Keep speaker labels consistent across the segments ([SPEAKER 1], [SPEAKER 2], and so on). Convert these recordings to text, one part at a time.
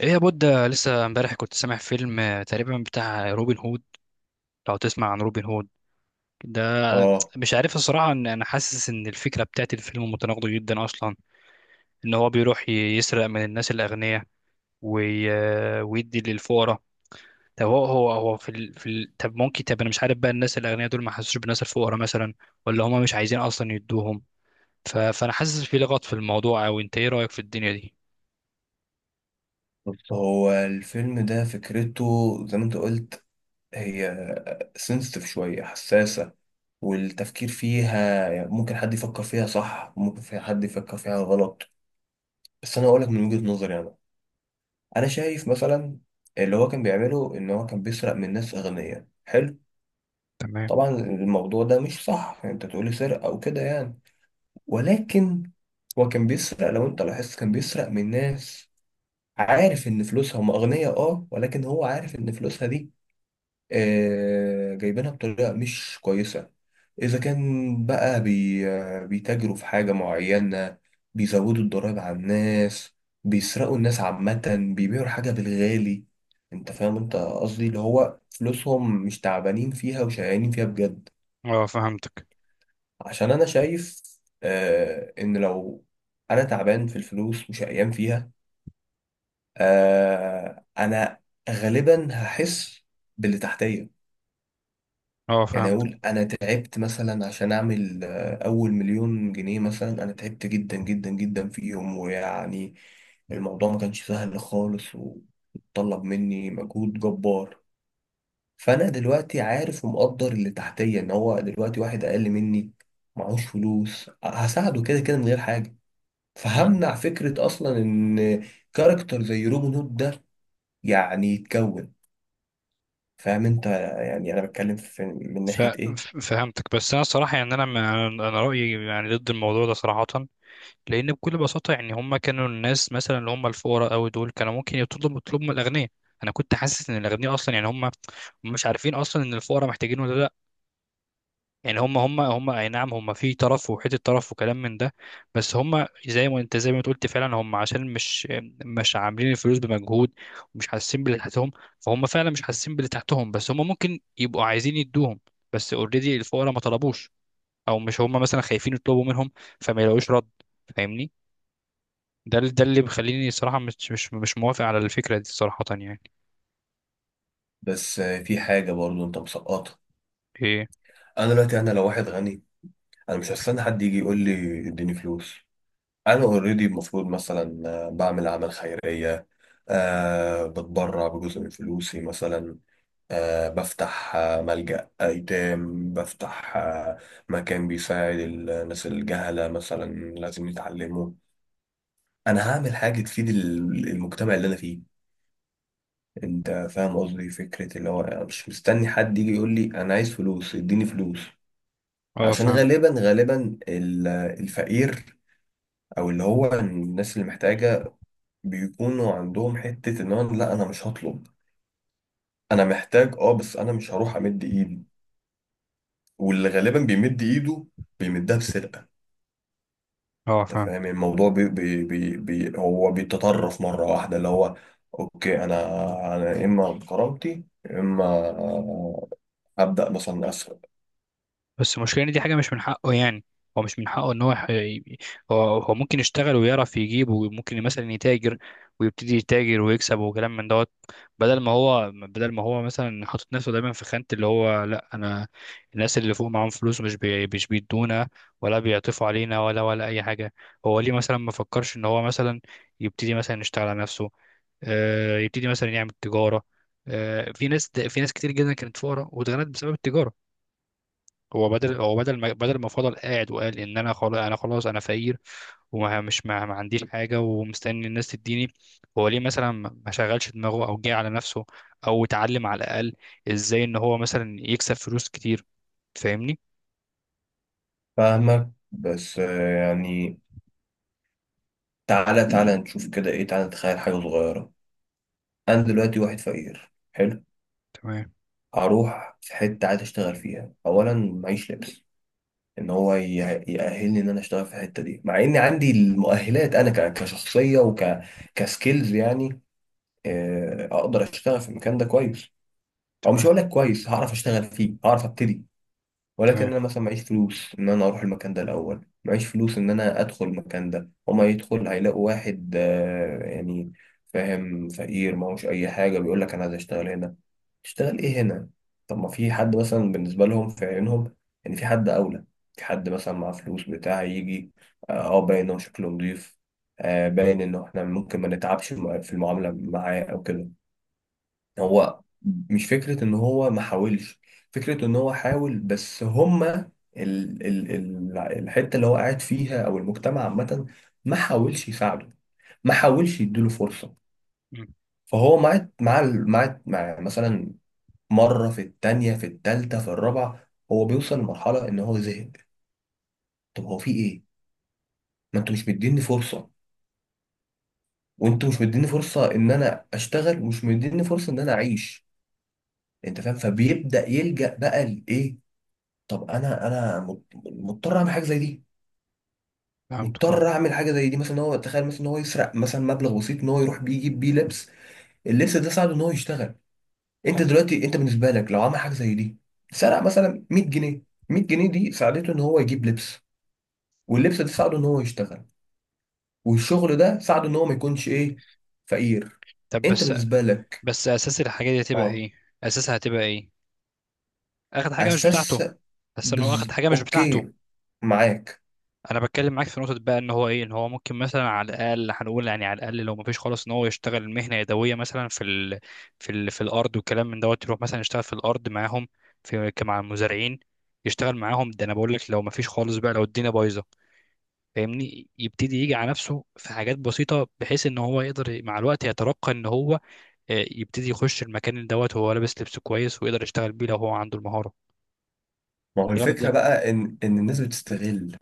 [SPEAKER 1] ايه يا بود، لسه امبارح كنت سامع فيلم تقريبا بتاع روبن هود. لو تسمع عن روبن هود ده.
[SPEAKER 2] اه،
[SPEAKER 1] مش عارف الصراحة، ان انا حاسس ان الفكرة بتاعت الفيلم متناقضة جدا اصلا. ان هو بيروح يسرق من الناس الاغنياء وي... آه، ويدي للفقراء. طب هو طب ممكن، طب انا مش عارف بقى، الناس الاغنياء دول ما حسوش بالناس الفقراء مثلا، ولا هما مش عايزين اصلا يدوهم. فانا حاسس في لغط في الموضوع، او انت ايه رأيك في الدنيا دي؟
[SPEAKER 2] بص هو الفيلم ده فكرته زي ما انت قلت. هي سنسيتيف، شوية حساسة، والتفكير فيها يعني ممكن حد يفكر فيها صح، ممكن فيها حد يفكر فيها غلط. بس انا اقولك من وجهة نظري انا. انا شايف مثلا اللي هو كان بيعمله ان هو كان بيسرق من ناس اغنياء، حلو.
[SPEAKER 1] تمام.
[SPEAKER 2] طبعا الموضوع ده مش صح يعني انت تقولي سرقة او كده يعني، ولكن هو كان بيسرق، لو انت لاحظت، كان بيسرق من ناس عارف ان فلوسها هم اغنياء، اه، ولكن هو عارف ان فلوسها دي جايبينها بطريقة مش كويسة. إذا كان بقى بي آه، بيتاجروا في حاجة معينة، بيزودوا الضرايب على الناس، بيسرقوا الناس عامة، بيبيعوا الحاجة بالغالي. أنت فاهم أنت قصدي؟ اللي هو فلوسهم مش تعبانين فيها وشقيانين فيها بجد.
[SPEAKER 1] اه فهمتك.
[SPEAKER 2] عشان أنا شايف إن لو أنا تعبان في الفلوس وشقيان فيها، أنا غالبا هحس باللي تحتية.
[SPEAKER 1] اه
[SPEAKER 2] يعني
[SPEAKER 1] فهمتك.
[SPEAKER 2] اقول انا تعبت مثلا عشان اعمل اول 1,000,000 جنيه مثلا، انا تعبت جدا جدا جدا فيهم، ويعني الموضوع ما كانش سهل خالص وطلب مني مجهود جبار. فانا دلوقتي عارف ومقدر اللي تحتيه، ان هو دلوقتي واحد اقل مني معهوش فلوس، هساعده كده كده من غير حاجه. فهمنع فكره اصلا ان كاركتر زي روبن هود ده يعني يتكون. فاهم انت؟ يعني انا بتكلم في من
[SPEAKER 1] ف...
[SPEAKER 2] ناحيه ايه.
[SPEAKER 1] فهمتك، بس انا صراحه يعني انا انا أنا رايي يعني ضد الموضوع ده صراحه. لان بكل بساطه يعني هم كانوا الناس مثلا اللي هم الفقراء قوي دول كانوا ممكن يطلبوا من الاغنياء. انا كنت حاسس ان الاغنياء اصلا يعني هم مش عارفين اصلا ان الفقراء محتاجين ولا لا. يعني هم اي نعم، هم في طرف وحته طرف وكلام من ده. بس هم زي ما أنت قلت فعلا، هم عشان مش عاملين الفلوس بمجهود، ومش حاسين باللي تحتهم. فهم فعلا مش حاسين باللي تحتهم، بس هم ممكن يبقوا عايزين يدوهم. بس اوريدي الفقراء ما طلبوش، او مش هم مثلا خايفين يطلبوا منهم فما يلاقوش رد. فاهمني؟ ده اللي بيخليني صراحه مش موافق على الفكره دي صراحه يعني.
[SPEAKER 2] بس في حاجة برضو انت مسقطها.
[SPEAKER 1] ايه؟
[SPEAKER 2] انا دلوقتي انا لو واحد غني، انا مش هستنى حد يجي يقول لي اديني فلوس. انا اوريدي المفروض مثلا بعمل اعمال خيرية، بتبرع بجزء من فلوسي مثلا، بفتح ملجأ أيتام، بفتح مكان بيساعد الناس الجهلة مثلا، لازم يتعلموا. أنا هعمل حاجة تفيد المجتمع اللي أنا فيه. أنت فاهم قصدي؟ فكرة اللي هو أنا مش مستني حد يجي يقول لي أنا عايز فلوس اديني فلوس.
[SPEAKER 1] اه
[SPEAKER 2] عشان
[SPEAKER 1] فاهم.
[SPEAKER 2] غالبا غالبا الفقير او اللي هو الناس اللي محتاجه بيكونوا عندهم حته ان هو، لا انا مش هطلب، انا محتاج اه، بس انا مش هروح امد ايدي. واللي غالبا بيمد ايده بيمدها بسرقه.
[SPEAKER 1] اه
[SPEAKER 2] انت
[SPEAKER 1] فاهم.
[SPEAKER 2] فاهم؟ يعني الموضوع بي بي بي بي هو بيتطرف مره واحده، اللي هو اوكي، انا اما بكرامتي يا اما ابدا مثلا اسرق.
[SPEAKER 1] بس المشكلة إن دي حاجة مش من حقه يعني. هو مش من حقه ان هو ممكن يشتغل ويعرف يجيب، وممكن مثلا يتاجر ويبتدي يتاجر ويكسب وكلام من دوت. بدل ما هو مثلا حاطط نفسه دايما في خانة اللي هو: لا انا الناس اللي فوق معاهم فلوس مش بيدونا ولا بيعطفوا علينا ولا اي حاجة. هو ليه مثلا ما فكرش ان هو مثلا يبتدي مثلا يشتغل على نفسه، يبتدي مثلا يعمل تجارة. في ناس كتير جدا كانت فقراء واتغنت بسبب التجارة. هو بدل ما فضل قاعد وقال ان انا خلاص انا فقير، ومش ما, ما عنديش حاجه ومستني الناس تديني. هو ليه مثلا ما شغلش دماغه او جه على نفسه، او اتعلم على الاقل ازاي ان هو مثلا يكسب فلوس كتير. فاهمني؟
[SPEAKER 2] فاهمك، بس يعني تعالى تعالى نشوف كده ايه، تعالى نتخيل حاجه صغيره. انا دلوقتي واحد فقير، حلو.
[SPEAKER 1] تمام.
[SPEAKER 2] هروح في حته عايز اشتغل فيها، اولا معيش لبس ان هو يأهلني ان انا اشتغل في الحته دي، مع اني عندي المؤهلات انا كشخصيه كسكيلز يعني. اقدر اشتغل في المكان ده كويس. او مش
[SPEAKER 1] تمام.
[SPEAKER 2] هقول لك كويس، هعرف اشتغل فيه، هعرف ابتدي. ولكن
[SPEAKER 1] تمام.
[SPEAKER 2] انا مثلا معيش فلوس ان انا اروح المكان ده الاول، معيش فلوس ان انا ادخل المكان ده. هما يدخل هيلاقوا واحد يعني فاهم فقير ما هوش اي حاجه بيقول لك انا عايز اشتغل هنا. اشتغل ايه هنا؟ طب ما في حد مثلا بالنسبه لهم في عينهم ان في حد اولى، في حد مثلا معاه فلوس بتاع يجي، باين انه شكله نضيف، باين انه احنا ممكن ما نتعبش في المعامله معاه او كده. هو مش فكره ان هو ما حاولش، فكره ان هو حاول، بس هما ال ال ال الحته اللي هو قاعد فيها او المجتمع عامه ما حاولش يساعده، ما حاولش يديله فرصه.
[SPEAKER 1] مم،
[SPEAKER 2] فهو مع مع مع مع مثلا مرة، في التانية، في التالتة، في الرابعة، هو بيوصل لمرحلة إن هو زهق. طب هو في إيه؟ ما أنتوا مش مديني فرصة، وأنتوا مش مديني فرصة إن أنا أشتغل، ومش مديني فرصة إن أنا أعيش. أنت فاهم؟ فبيبدأ يلجأ بقى لإيه؟ طب أنا مضطر أعمل حاجة زي دي.
[SPEAKER 1] فهمتك اه.
[SPEAKER 2] مضطر أعمل حاجة زي دي مثلا، إن هو تخيل مثلا إن هو يسرق مثلا مبلغ بسيط، إن هو يروح بيه يجيب بيه لبس. اللبس ده ساعده إن هو يشتغل. أنت دلوقتي أنت بالنسبة لك لو عمل حاجة زي دي، سرق مثلا 100 جنيه، 100 جنيه دي ساعدته إن هو يجيب لبس، واللبس ده ساعده ان هو يشتغل، والشغل ده ساعده ان هو ما يكونش ايه، فقير.
[SPEAKER 1] طب
[SPEAKER 2] انت
[SPEAKER 1] بس
[SPEAKER 2] بالنسبه لك؟
[SPEAKER 1] بس اساس الحاجه دي هتبقى
[SPEAKER 2] اه.
[SPEAKER 1] ايه؟ اساسها هتبقى ايه؟ اخد حاجه مش
[SPEAKER 2] اساس.
[SPEAKER 1] بتاعته. بس انه اخد حاجه مش بتاعته.
[SPEAKER 2] اوكي، معاك.
[SPEAKER 1] انا بتكلم معاك في نقطه بقى، ان هو ايه، ان هو ممكن مثلا على الاقل هنقول، يعني على الاقل لو ما فيش خالص، ان هو يشتغل مهنه يدويه مثلا في الارض والكلام من دوت. يروح مثلا يشتغل في الارض معاهم، في مع المزارعين، يشتغل معاهم. ده انا بقول لك لو ما فيش خالص بقى، لو الدنيا بايظه. فاهمني؟ يبتدي يجي على نفسه في حاجات بسيطه بحيث ان هو يقدر مع الوقت يترقى، ان هو يبتدي يخش المكان اللي دوت وهو لابس لبس كويس، ويقدر يشتغل بيه لو هو عنده المهاره.
[SPEAKER 2] ما هو
[SPEAKER 1] ده
[SPEAKER 2] الفكره
[SPEAKER 1] ده-
[SPEAKER 2] بقى ان الناس بتستغل.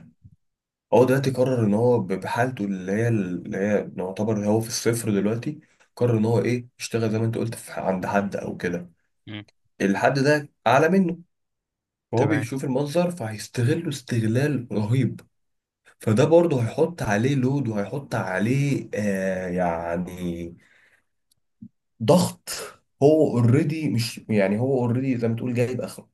[SPEAKER 2] هو دلوقتي قرر ان هو بحالته، اللي هي يعتبر هو في الصفر دلوقتي، قرر ان هو ايه، يشتغل زي ما انت قلت في عند حد او كده.
[SPEAKER 1] مم،
[SPEAKER 2] الحد ده اعلى منه، وهو
[SPEAKER 1] تمام.
[SPEAKER 2] بيشوف المنظر فهيستغله استغلال رهيب. فده برضه هيحط عليه لود، وهيحط عليه يعني ضغط. هو اوريدي مش يعني، هو اوريدي زي ما تقول جايب اخره.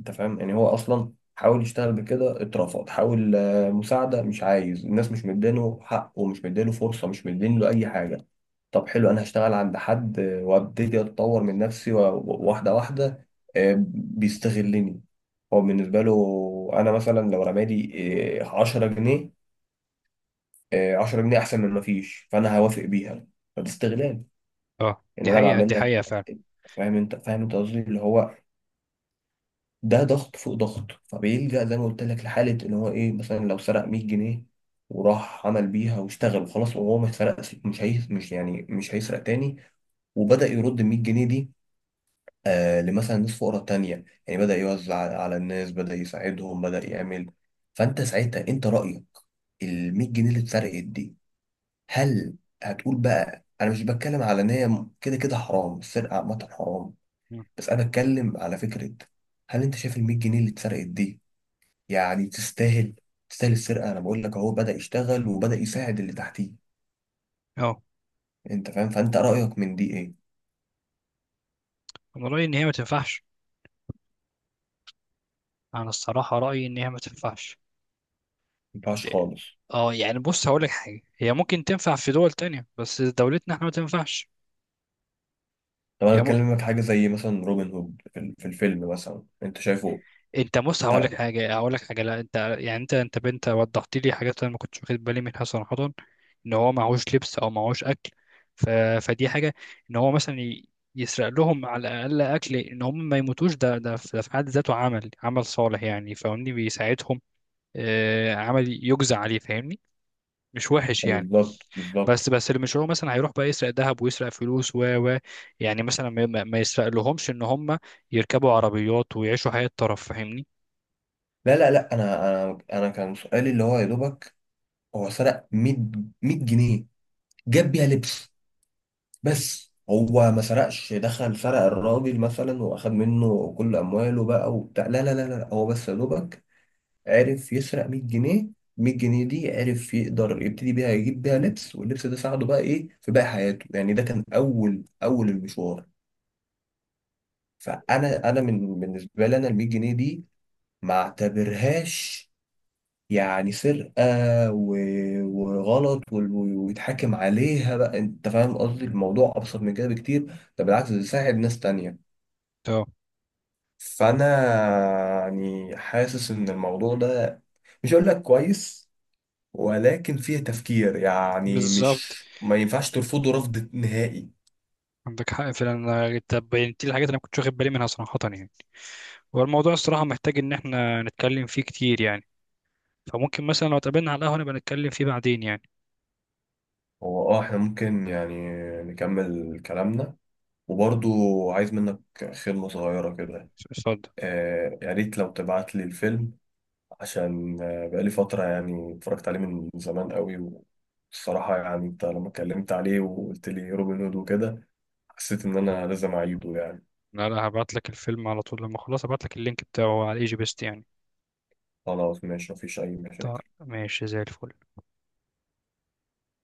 [SPEAKER 2] انت فاهم؟ يعني هو اصلا حاول يشتغل بكده، اترفض، حاول مساعدة، مش عايز، الناس مش مدينه حق، ومش مدينه فرصة، مش مدين له اي حاجة. طب حلو، انا هشتغل عند حد، وابتدي اتطور من نفسي، واحدة واحدة. بيستغلني. هو بالنسبة له أنا مثلا لو رمالي عشرة جنيه، 10 جنيه احسن من ما فيش، فانا هوافق بيها. فده استغلال
[SPEAKER 1] اه
[SPEAKER 2] ان
[SPEAKER 1] دي
[SPEAKER 2] انا
[SPEAKER 1] حقيقه،
[SPEAKER 2] بعمل
[SPEAKER 1] دي
[SPEAKER 2] لك.
[SPEAKER 1] حقيقه فعلا.
[SPEAKER 2] فاهم انت؟ قصدي اللي هو ده ضغط فوق ضغط، فبيلجأ زي ما قلت لك لحالة ان هو ايه، مثلا لو سرق 100 جنيه وراح عمل بيها واشتغل وخلاص، وهو ما سرقش، مش هي، مش يعني مش هيسرق تاني. وبدأ يرد ال 100 جنيه دي لمثلا ناس فقراء تانية، يعني بدأ يوزع على الناس، بدأ يساعدهم، بدأ يعمل. فانت ساعتها انت رأيك ال 100 جنيه اللي اتسرقت دي، هل هتقول بقى؟ انا مش بتكلم على ان هي كده كده حرام، السرقه عامه حرام،
[SPEAKER 1] مم.
[SPEAKER 2] بس انا بتكلم على فكره. هل انت شايف ال 100 جنيه اللي اتسرقت دي يعني تستاهل، تستاهل السرقه؟ انا بقول لك اهو بدا يشتغل وبدا يساعد اللي تحتيه.
[SPEAKER 1] اه
[SPEAKER 2] انت فاهم؟ فانت رايك من دي ايه؟ ما
[SPEAKER 1] انا رايي ان هي ما تنفعش. انا الصراحه رايي ان هي ما تنفعش.
[SPEAKER 2] ينفعش خالص.
[SPEAKER 1] اه يعني بص هقول لك حاجه، هي ممكن تنفع في دول تانية بس دولتنا احنا ما تنفعش.
[SPEAKER 2] طب انا
[SPEAKER 1] هي م...
[SPEAKER 2] بكلمك حاجه زي مثلا روبن هود في في الفيلم مثلا، انت شايفه؟
[SPEAKER 1] انت بص، هقول
[SPEAKER 2] طيب،
[SPEAKER 1] لك حاجه، هقول لك حاجه، لا انت يعني انت بنت وضحت لي حاجات انا ما كنتش واخد بالي منها صراحه. ان هو معهوش لبس او معهوش اكل. ف... فدي حاجه، ان هو مثلا يسرق لهم على الاقل اكل ان هم ما يموتوش. ده في حد ذاته عمل صالح يعني، فاهمني؟ بيساعدهم. عمل يجزى عليه، فاهمني؟ مش وحش يعني.
[SPEAKER 2] بالظبط بالظبط.
[SPEAKER 1] بس اللي مش هو مثلا هيروح بقى يسرق ذهب ويسرق فلوس و يعني مثلا ما يسرق لهمش ان هم يركبوا عربيات ويعيشوا حياة طرف. فاهمني؟
[SPEAKER 2] لا لا لا، انا كان سؤالي اللي هو يا دوبك هو سرق 100، 100 جنيه، جاب بيها لبس. بس هو ما سرقش، دخل سرق الراجل مثلا واخد منه كل امواله بقى وبتاع؟ لا لا لا لا، هو بس يا دوبك عرف يسرق 100 جنيه. 100 جنيه دي عرف يقدر يبتدي بيها، يجيب بيها لبس، واللبس ده ساعده بقى ايه في باقي حياته يعني، ده كان اول اول المشوار. فانا من بالنسبه لي انا ال 100 جنيه دي ما اعتبرهاش يعني سرقه، وغلط، ويتحاكم عليها بقى. انت فاهم قصدي؟ الموضوع ابسط من كده بكتير، ده بالعكس ده يساعد ناس تانية.
[SPEAKER 1] اه
[SPEAKER 2] فانا يعني حاسس ان الموضوع ده مش هقول لك كويس، ولكن فيه تفكير، يعني
[SPEAKER 1] بالظبط.
[SPEAKER 2] مش ما ينفعش ترفضه رفض نهائي.
[SPEAKER 1] عندك حق فعلا. انت بينتي الحاجات اللي انا كنت واخد بالي منها صراحة يعني. والموضوع الصراحة محتاج ان احنا نتكلم فيه كتير يعني. فممكن مثلا لو اتقابلنا على القهوة نبقى نتكلم فيه بعدين يعني.
[SPEAKER 2] هو اه احنا ممكن يعني نكمل كلامنا، وبرضو عايز منك خدمة صغيرة كده.
[SPEAKER 1] اتفضل.
[SPEAKER 2] يا ريت لو تبعت لي الفيلم، عشان بقالي فترة يعني اتفرجت عليه من زمان قوي. والصراحة يعني انت لما اتكلمت عليه وقلت لي روبن هود وكده، حسيت ان انا لازم اعيده يعني.
[SPEAKER 1] لا لا، هبعت لك الفيلم على طول، لما اخلص هبعت لك اللينك بتاعه على ايجي بيست يعني.
[SPEAKER 2] خلاص، ماشي، مفيش أي
[SPEAKER 1] طيب
[SPEAKER 2] مشاكل.
[SPEAKER 1] ماشي، زي الفل.